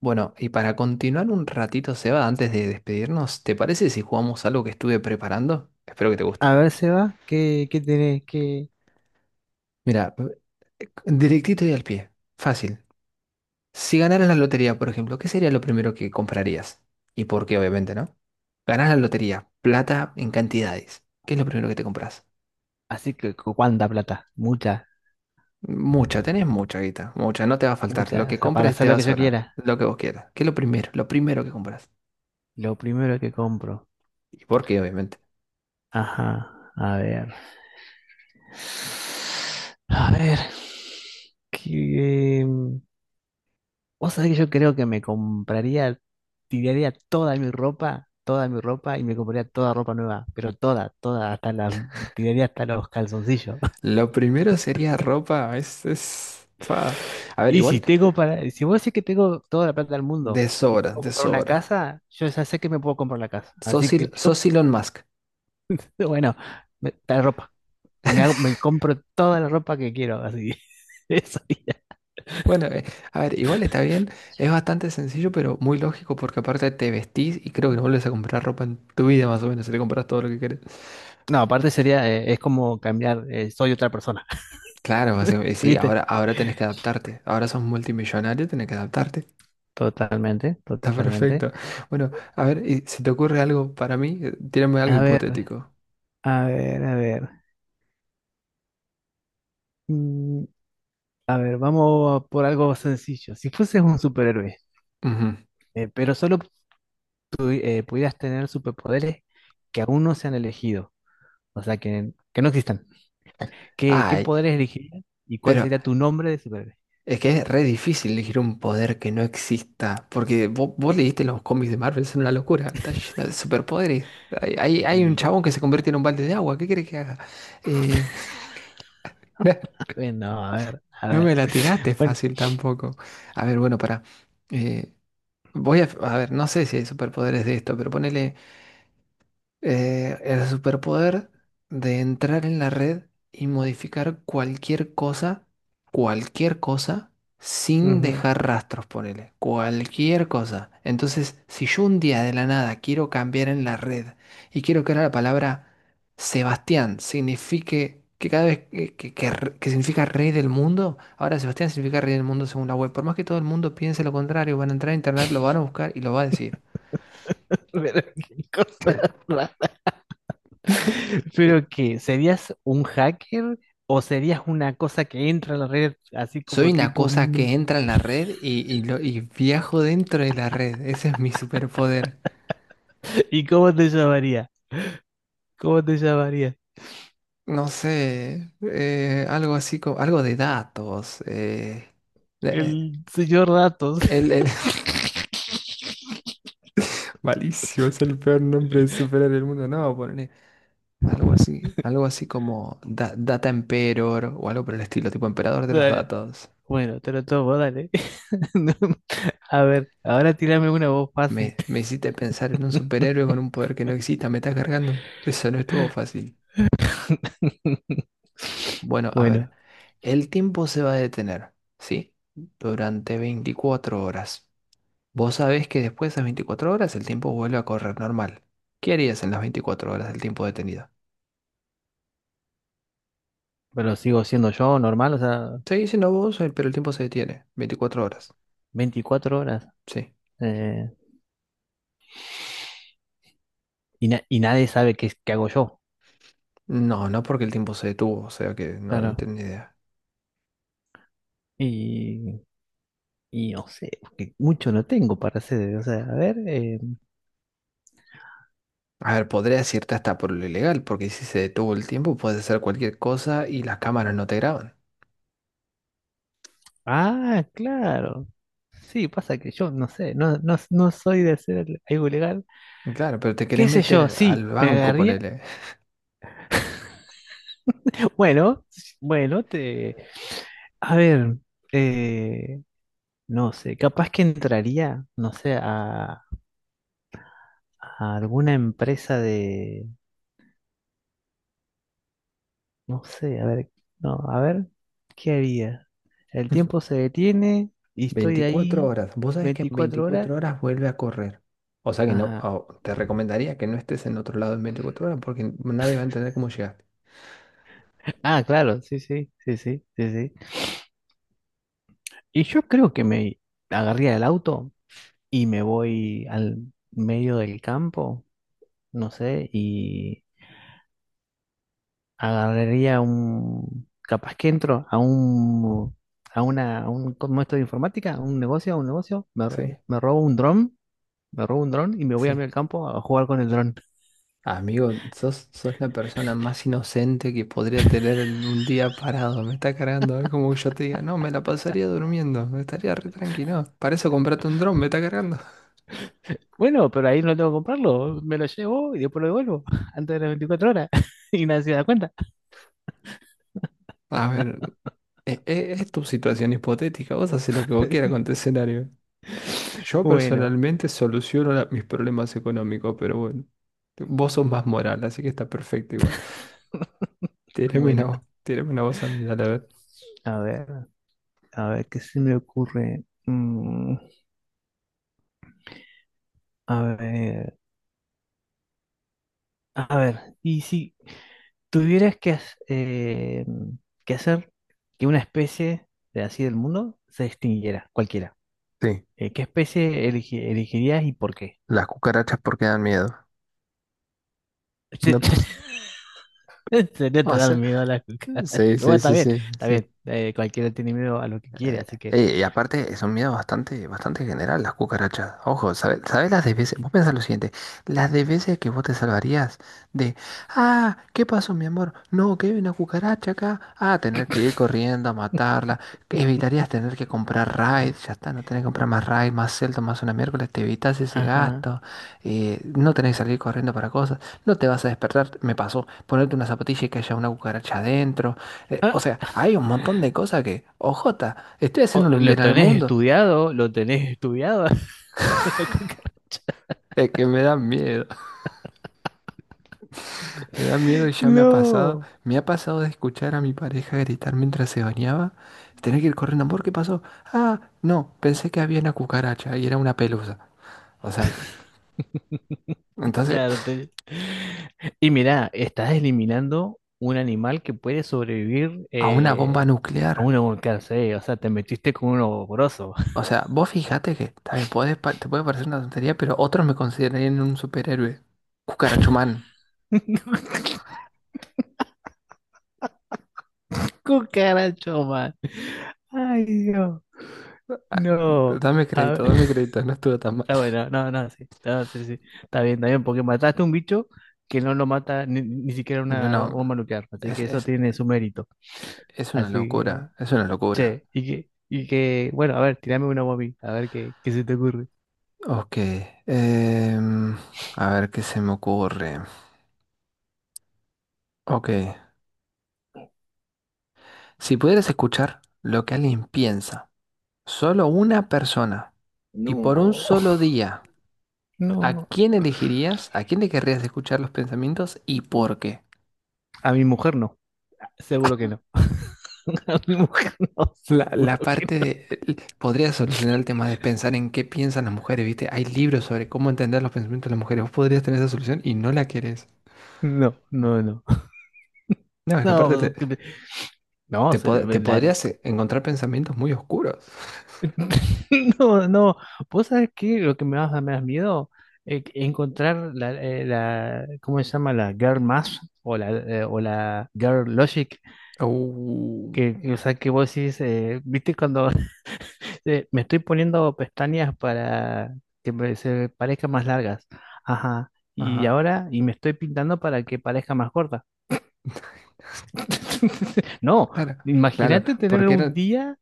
Bueno, y para continuar un ratito, Seba, antes de despedirnos, ¿te parece si jugamos algo que estuve preparando? Espero que te guste. A ver, Seba, ¿qué tenés? ¿Qué? Mira, directito y al pie. Fácil. Si ganaras la lotería, por ejemplo, ¿qué sería lo primero que comprarías? ¿Y por qué, obviamente, no? Ganás la lotería, plata en cantidades. ¿Qué es lo primero que te compras? Así que, ¿cuánta plata? Mucha, Mucha, tenés mucha guita, mucha, no te va a faltar. Lo mucha. O que sea, para compres te hacer va lo a que yo sobrar, quiera. lo que vos quieras. ¿Qué es lo primero? Lo primero que compras. Lo primero que compro. ¿Y por qué, obviamente? Ajá, a ver. A ver. Que, em, vos sabés que yo creo que me compraría, tiraría toda mi ropa y me compraría toda ropa nueva, pero toda, toda, tiraría hasta los calzoncillos. Lo primero sería ropa, fa. A ver, Y igual, si vos decís que tengo toda la plata del mundo de y sobra, puedo de comprar una sobra. casa, yo ya sé que me puedo comprar la casa. Así Sos, que yo, sos Elon Musk. bueno, la ropa. Me compro toda la ropa que quiero, así. Eso sería. Bueno, a ver, igual está bien, es bastante sencillo, pero muy lógico porque aparte te vestís y creo que no vuelves a comprar ropa en tu vida más o menos, si te compras todo lo que querés. No, aparte sería, es como cambiar, soy otra persona, Claro, o sea, y sí, ¿viste? Ahora tenés que adaptarte. Ahora sos multimillonario, tenés que adaptarte. Totalmente, Está totalmente. perfecto. Bueno, a ver, y si te ocurre algo para mí, tírame algo A ver, hipotético. a ver, a ver. Mm, a ver, vamos por algo sencillo. Si fueses un superhéroe, Ujú. Pero solo pudieras tener superpoderes que aún no se han elegido, o sea, que no existan. ¿Qué Ay, poderes elegirías y cuál pero sería tu nombre de superhéroe? es que es re difícil elegir un poder que no exista, porque vos leíste los cómics de Marvel, son una locura, está lleno de superpoderes. Hay un Y chabón que se convierte en un balde de agua, ¿qué querés que haga? Eh, bueno, a ver, a no ver. me la tiraste Bueno, fácil tampoco. A ver, bueno, para voy a ver, no sé si hay superpoderes de esto, pero ponele. El superpoder de entrar en la red y modificar cualquier cosa, sin ujú. dejar rastros, ponele, cualquier cosa. Entonces, si yo un día de la nada quiero cambiar en la red y quiero que ahora la palabra Sebastián signifique que cada vez que significa rey del mundo, ahora Sebastián significa rey del mundo según la web. Por más que todo el mundo piense lo contrario, van a entrar a internet, lo van a buscar y lo va a decir. Pero qué cosa rara. Pero que serías un hacker o serías una cosa que entra a la red así Soy como una tipo cosa que un- entra en la red y viajo dentro de la red. Ese es mi superpoder. ¿Y cómo te llamaría? ¿Cómo te llamaría? No sé, algo así como algo de datos. Eh, El señor Datos. el, el- Malísimo, es el peor nombre de superhéroe del mundo. No, ponle algo así, Data Emperor o algo por el estilo, tipo emperador de los Dale. datos. Bueno, te lo tomo, dale. No, a ver, ahora tírame una voz fácil. Me hiciste pensar en un superhéroe con un poder que no exista, me estás cargando. Eso no estuvo fácil. Bueno, a ver, Bueno, el tiempo se va a detener, ¿sí? Durante 24 horas. Vos sabés que después de esas 24 horas el tiempo vuelve a correr normal. ¿Qué harías en las 24 horas del tiempo detenido? pero sigo siendo yo normal, o sea, Seguís siendo vos, pero el tiempo se detiene. 24 horas, 24 horas. sí. eh, y nadie sabe qué hago yo. No, porque el tiempo se detuvo, o sea que no Claro. tengo ni idea. Y, y no sé, porque mucho no tengo para hacer. O sea, a ver. A ver, podría decirte hasta por lo ilegal, porque si se detuvo el tiempo puedes hacer cualquier cosa y las cámaras no te graban. Ah, claro. Sí, pasa que yo no sé, no, no, no soy de hacer algo ilegal. Claro, pero te querés ¿Qué sé yo? meter al Sí, me banco, agarría. ponele. Bueno, bueno, te. A ver. eh, No sé, capaz que entraría, no sé, a alguna empresa de, no sé, a ver, no, a ver, ¿qué haría? El tiempo se detiene y estoy 24 ahí horas. Vos sabés que en 24 horas. 24 horas vuelve a correr. O sea que no, Ajá. ah, te recomendaría que no estés en otro lado en 24 horas porque nadie va a entender cómo llegaste. Ah, claro, sí, sí, sí, sí, sí, sí. Y yo creo que me agarría el auto y me voy al medio del campo, no sé, y agarraría un, capaz que entro a un, a una, a un, ¿cómo esto de informática? A un negocio, Sí, me robo un dron, me robo un dron y me voy a mí sí. al campo a jugar con el dron. Amigo, sos, sos la persona más inocente que podría tener un día parado. Me está cargando. Es como que yo te diga, no, me la pasaría durmiendo. Me estaría re tranquilo. Para eso comprate un dron, me está cargando. Bueno, pero ahí no tengo que comprarlo, me lo llevo y después lo devuelvo antes de las 24 horas y nadie se da cuenta. A ver, tu situación hipotética. Vos haces lo que vos quieras con tu escenario. Yo Bueno, personalmente soluciono mis problemas económicos, pero bueno, vos sos más moral, así que está perfecto igual. Bueno, Tírame una voz a mí, dale a ver. a ver, a ver, ¿qué se me ocurre? A ver, a ver, y si, tuvieras eh, que hacer que una especie de así del mundo se extinguiera, cualquiera, Sí, ¿qué especie elegirías y por qué? las cucarachas porque dan miedo. Sí, No, en serio te o sea, dan miedo a las cucarachas. sí, Bueno, sí, está sí, bien, sí, está bien. sí. Cualquiera tiene miedo a lo que quiere, así que. Y aparte son miedos bastante, bastante general las cucarachas. Ojo, ¿sabes, sabes las de veces? Vos pensás lo siguiente, las de veces que vos te salvarías de, ah, ¿qué pasó, mi amor? No, que hay una cucaracha acá. Ah, tener que ir corriendo a matarla. Evitarías tener que comprar raid, ya está, no tenés que comprar más raid, más celda, más una miércoles, te evitas ese Ajá. gasto. No tenés que salir corriendo para cosas. No te vas a despertar, me pasó, ponerte una zapatilla y que haya una cucaracha adentro. O Ah, sea, hay un montón de cosas que, ojota, estoy haciéndole un ¿lo bien al tenés mundo. estudiado? ¿Lo tenés estudiado? ¿La cucaracha? Es que me da miedo, me da miedo y ya me ha pasado. No. Me ha pasado de escuchar a mi pareja gritar mientras se bañaba. Tener que ir corriendo, amor, ¿qué pasó? Ah, no, pensé que había una cucaracha y era una pelusa. O sea, entonces, Claro, y mira, estás eliminando un animal que puede sobrevivir a una bomba a nuclear. una volcánsele, o sea, te metiste con un ogroso. O sea, vos fijate que también podés, te puede parecer una tontería, pero otros me considerarían un superhéroe. Cucarachumán. Cucaracho, man. Ay, Dios. Ah, No. dame A ver, crédito, dame crédito, no estuvo tan mal. está bueno, no, no, sí. No, sí, sí. Está bien, porque mataste un bicho que no lo mata ni siquiera No, una no, bomba nuclear. Así es, que eso es- tiene su mérito. es una Así que, locura, es una locura. che, bueno, a ver, tirame una bomba, a mí, a ver qué, qué se te ocurre. Ok, em, a ver qué se me ocurre. Ok, si pudieras escuchar lo que alguien piensa, solo una persona, y por un No, solo día, ¿a no, quién elegirías? ¿A quién le querrías escuchar los pensamientos y por qué? a mi mujer no. Seguro que no. A mi mujer no, La seguro que parte de... el- Podría solucionar el tema de pensar en qué piensan las mujeres, ¿viste? Hay libros sobre cómo entender los pensamientos de las mujeres. Vos podrías tener esa solución y no la querés. no. No, no, no. No, es que No, aparte te, porque no, te podrías encontrar pensamientos muy oscuros. no, no. ¿Vos sabés qué? Lo que me vas a me das miedo encontrar ¿cómo se llama? La Girl Math o la Girl Logic. Uh, O sea, que vos decís, ¿viste cuando me estoy poniendo pestañas para que se parezcan más largas? Ajá. Y ajá. ahora, y me estoy pintando para que parezca más corta. No, Claro, claro, imagínate tener porque un era... día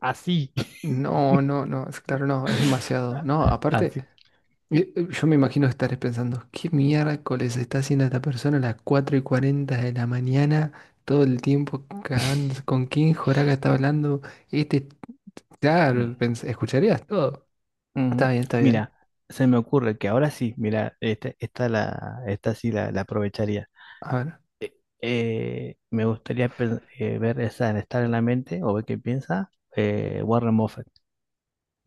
así. No, no, no, es claro, no, es demasiado. No, aparte, Así. Yo me imagino estar pensando, ¿qué miércoles está haciendo esta persona a las 4:40 de la mañana? Todo el tiempo, ¿con quién Joraga está hablando? Este, Mm, claro, escucharías todo. Está ujú. bien, está bien. Mira, se me ocurre que ahora sí, mira, esta sí la aprovecharía. A ver, Me gustaría estar en la mente o ver qué piensa Warren Buffett.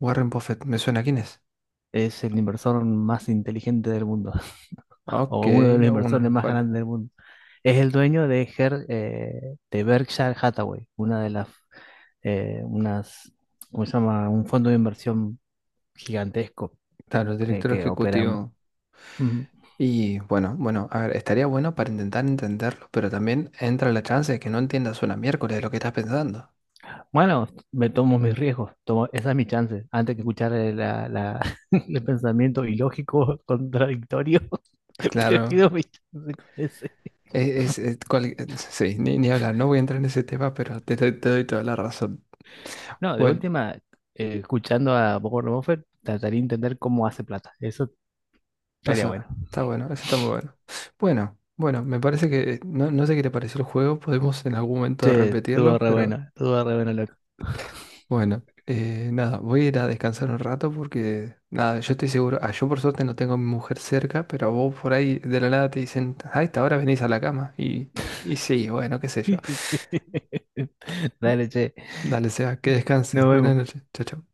Warren Buffett, ¿me suena quién es? Es el inversor más inteligente del mundo, Ok, o uno de los a uno de inversores los más mejores. grandes del mundo. Es el dueño de Berkshire Hathaway, una de unas, ¿cómo se llama? Un fondo de inversión gigantesco Claro, el director que opera. Ejecutivo. Ujú. Y bueno, bueno, a ver, estaría bueno para intentar entenderlo, pero también entra la chance de que no entiendas una miércoles de lo que estás pensando. Bueno, me tomo mis riesgos, esa es mi chance, antes que escuchar el pensamiento ilógico, contradictorio, Claro, prefiero mi chance con ese. es, es- es cual- sí, ni hablar, no voy a entrar en ese tema, pero te doy toda la razón. No, de Bueno, última, escuchando a Warren Buffett, trataría de entender cómo hace plata, eso estaría eso bueno. Bueno, eso está muy bueno. Bueno, bueno, me parece que no, no sé qué te pareció el juego, podemos en algún momento Che, repetirlo, pero... estuvo re bueno, loco. Bueno, nada, voy a ir a descansar un rato porque, nada, yo estoy seguro, ah, yo por suerte no tengo a mi mujer cerca, pero vos por ahí de la nada te dicen, a esta hora venís a la cama. Y sí, bueno, qué sé yo. Sí. Dale, che, Dale, sea, que descanses. nos Buenas vemos. noches. Chao, chao.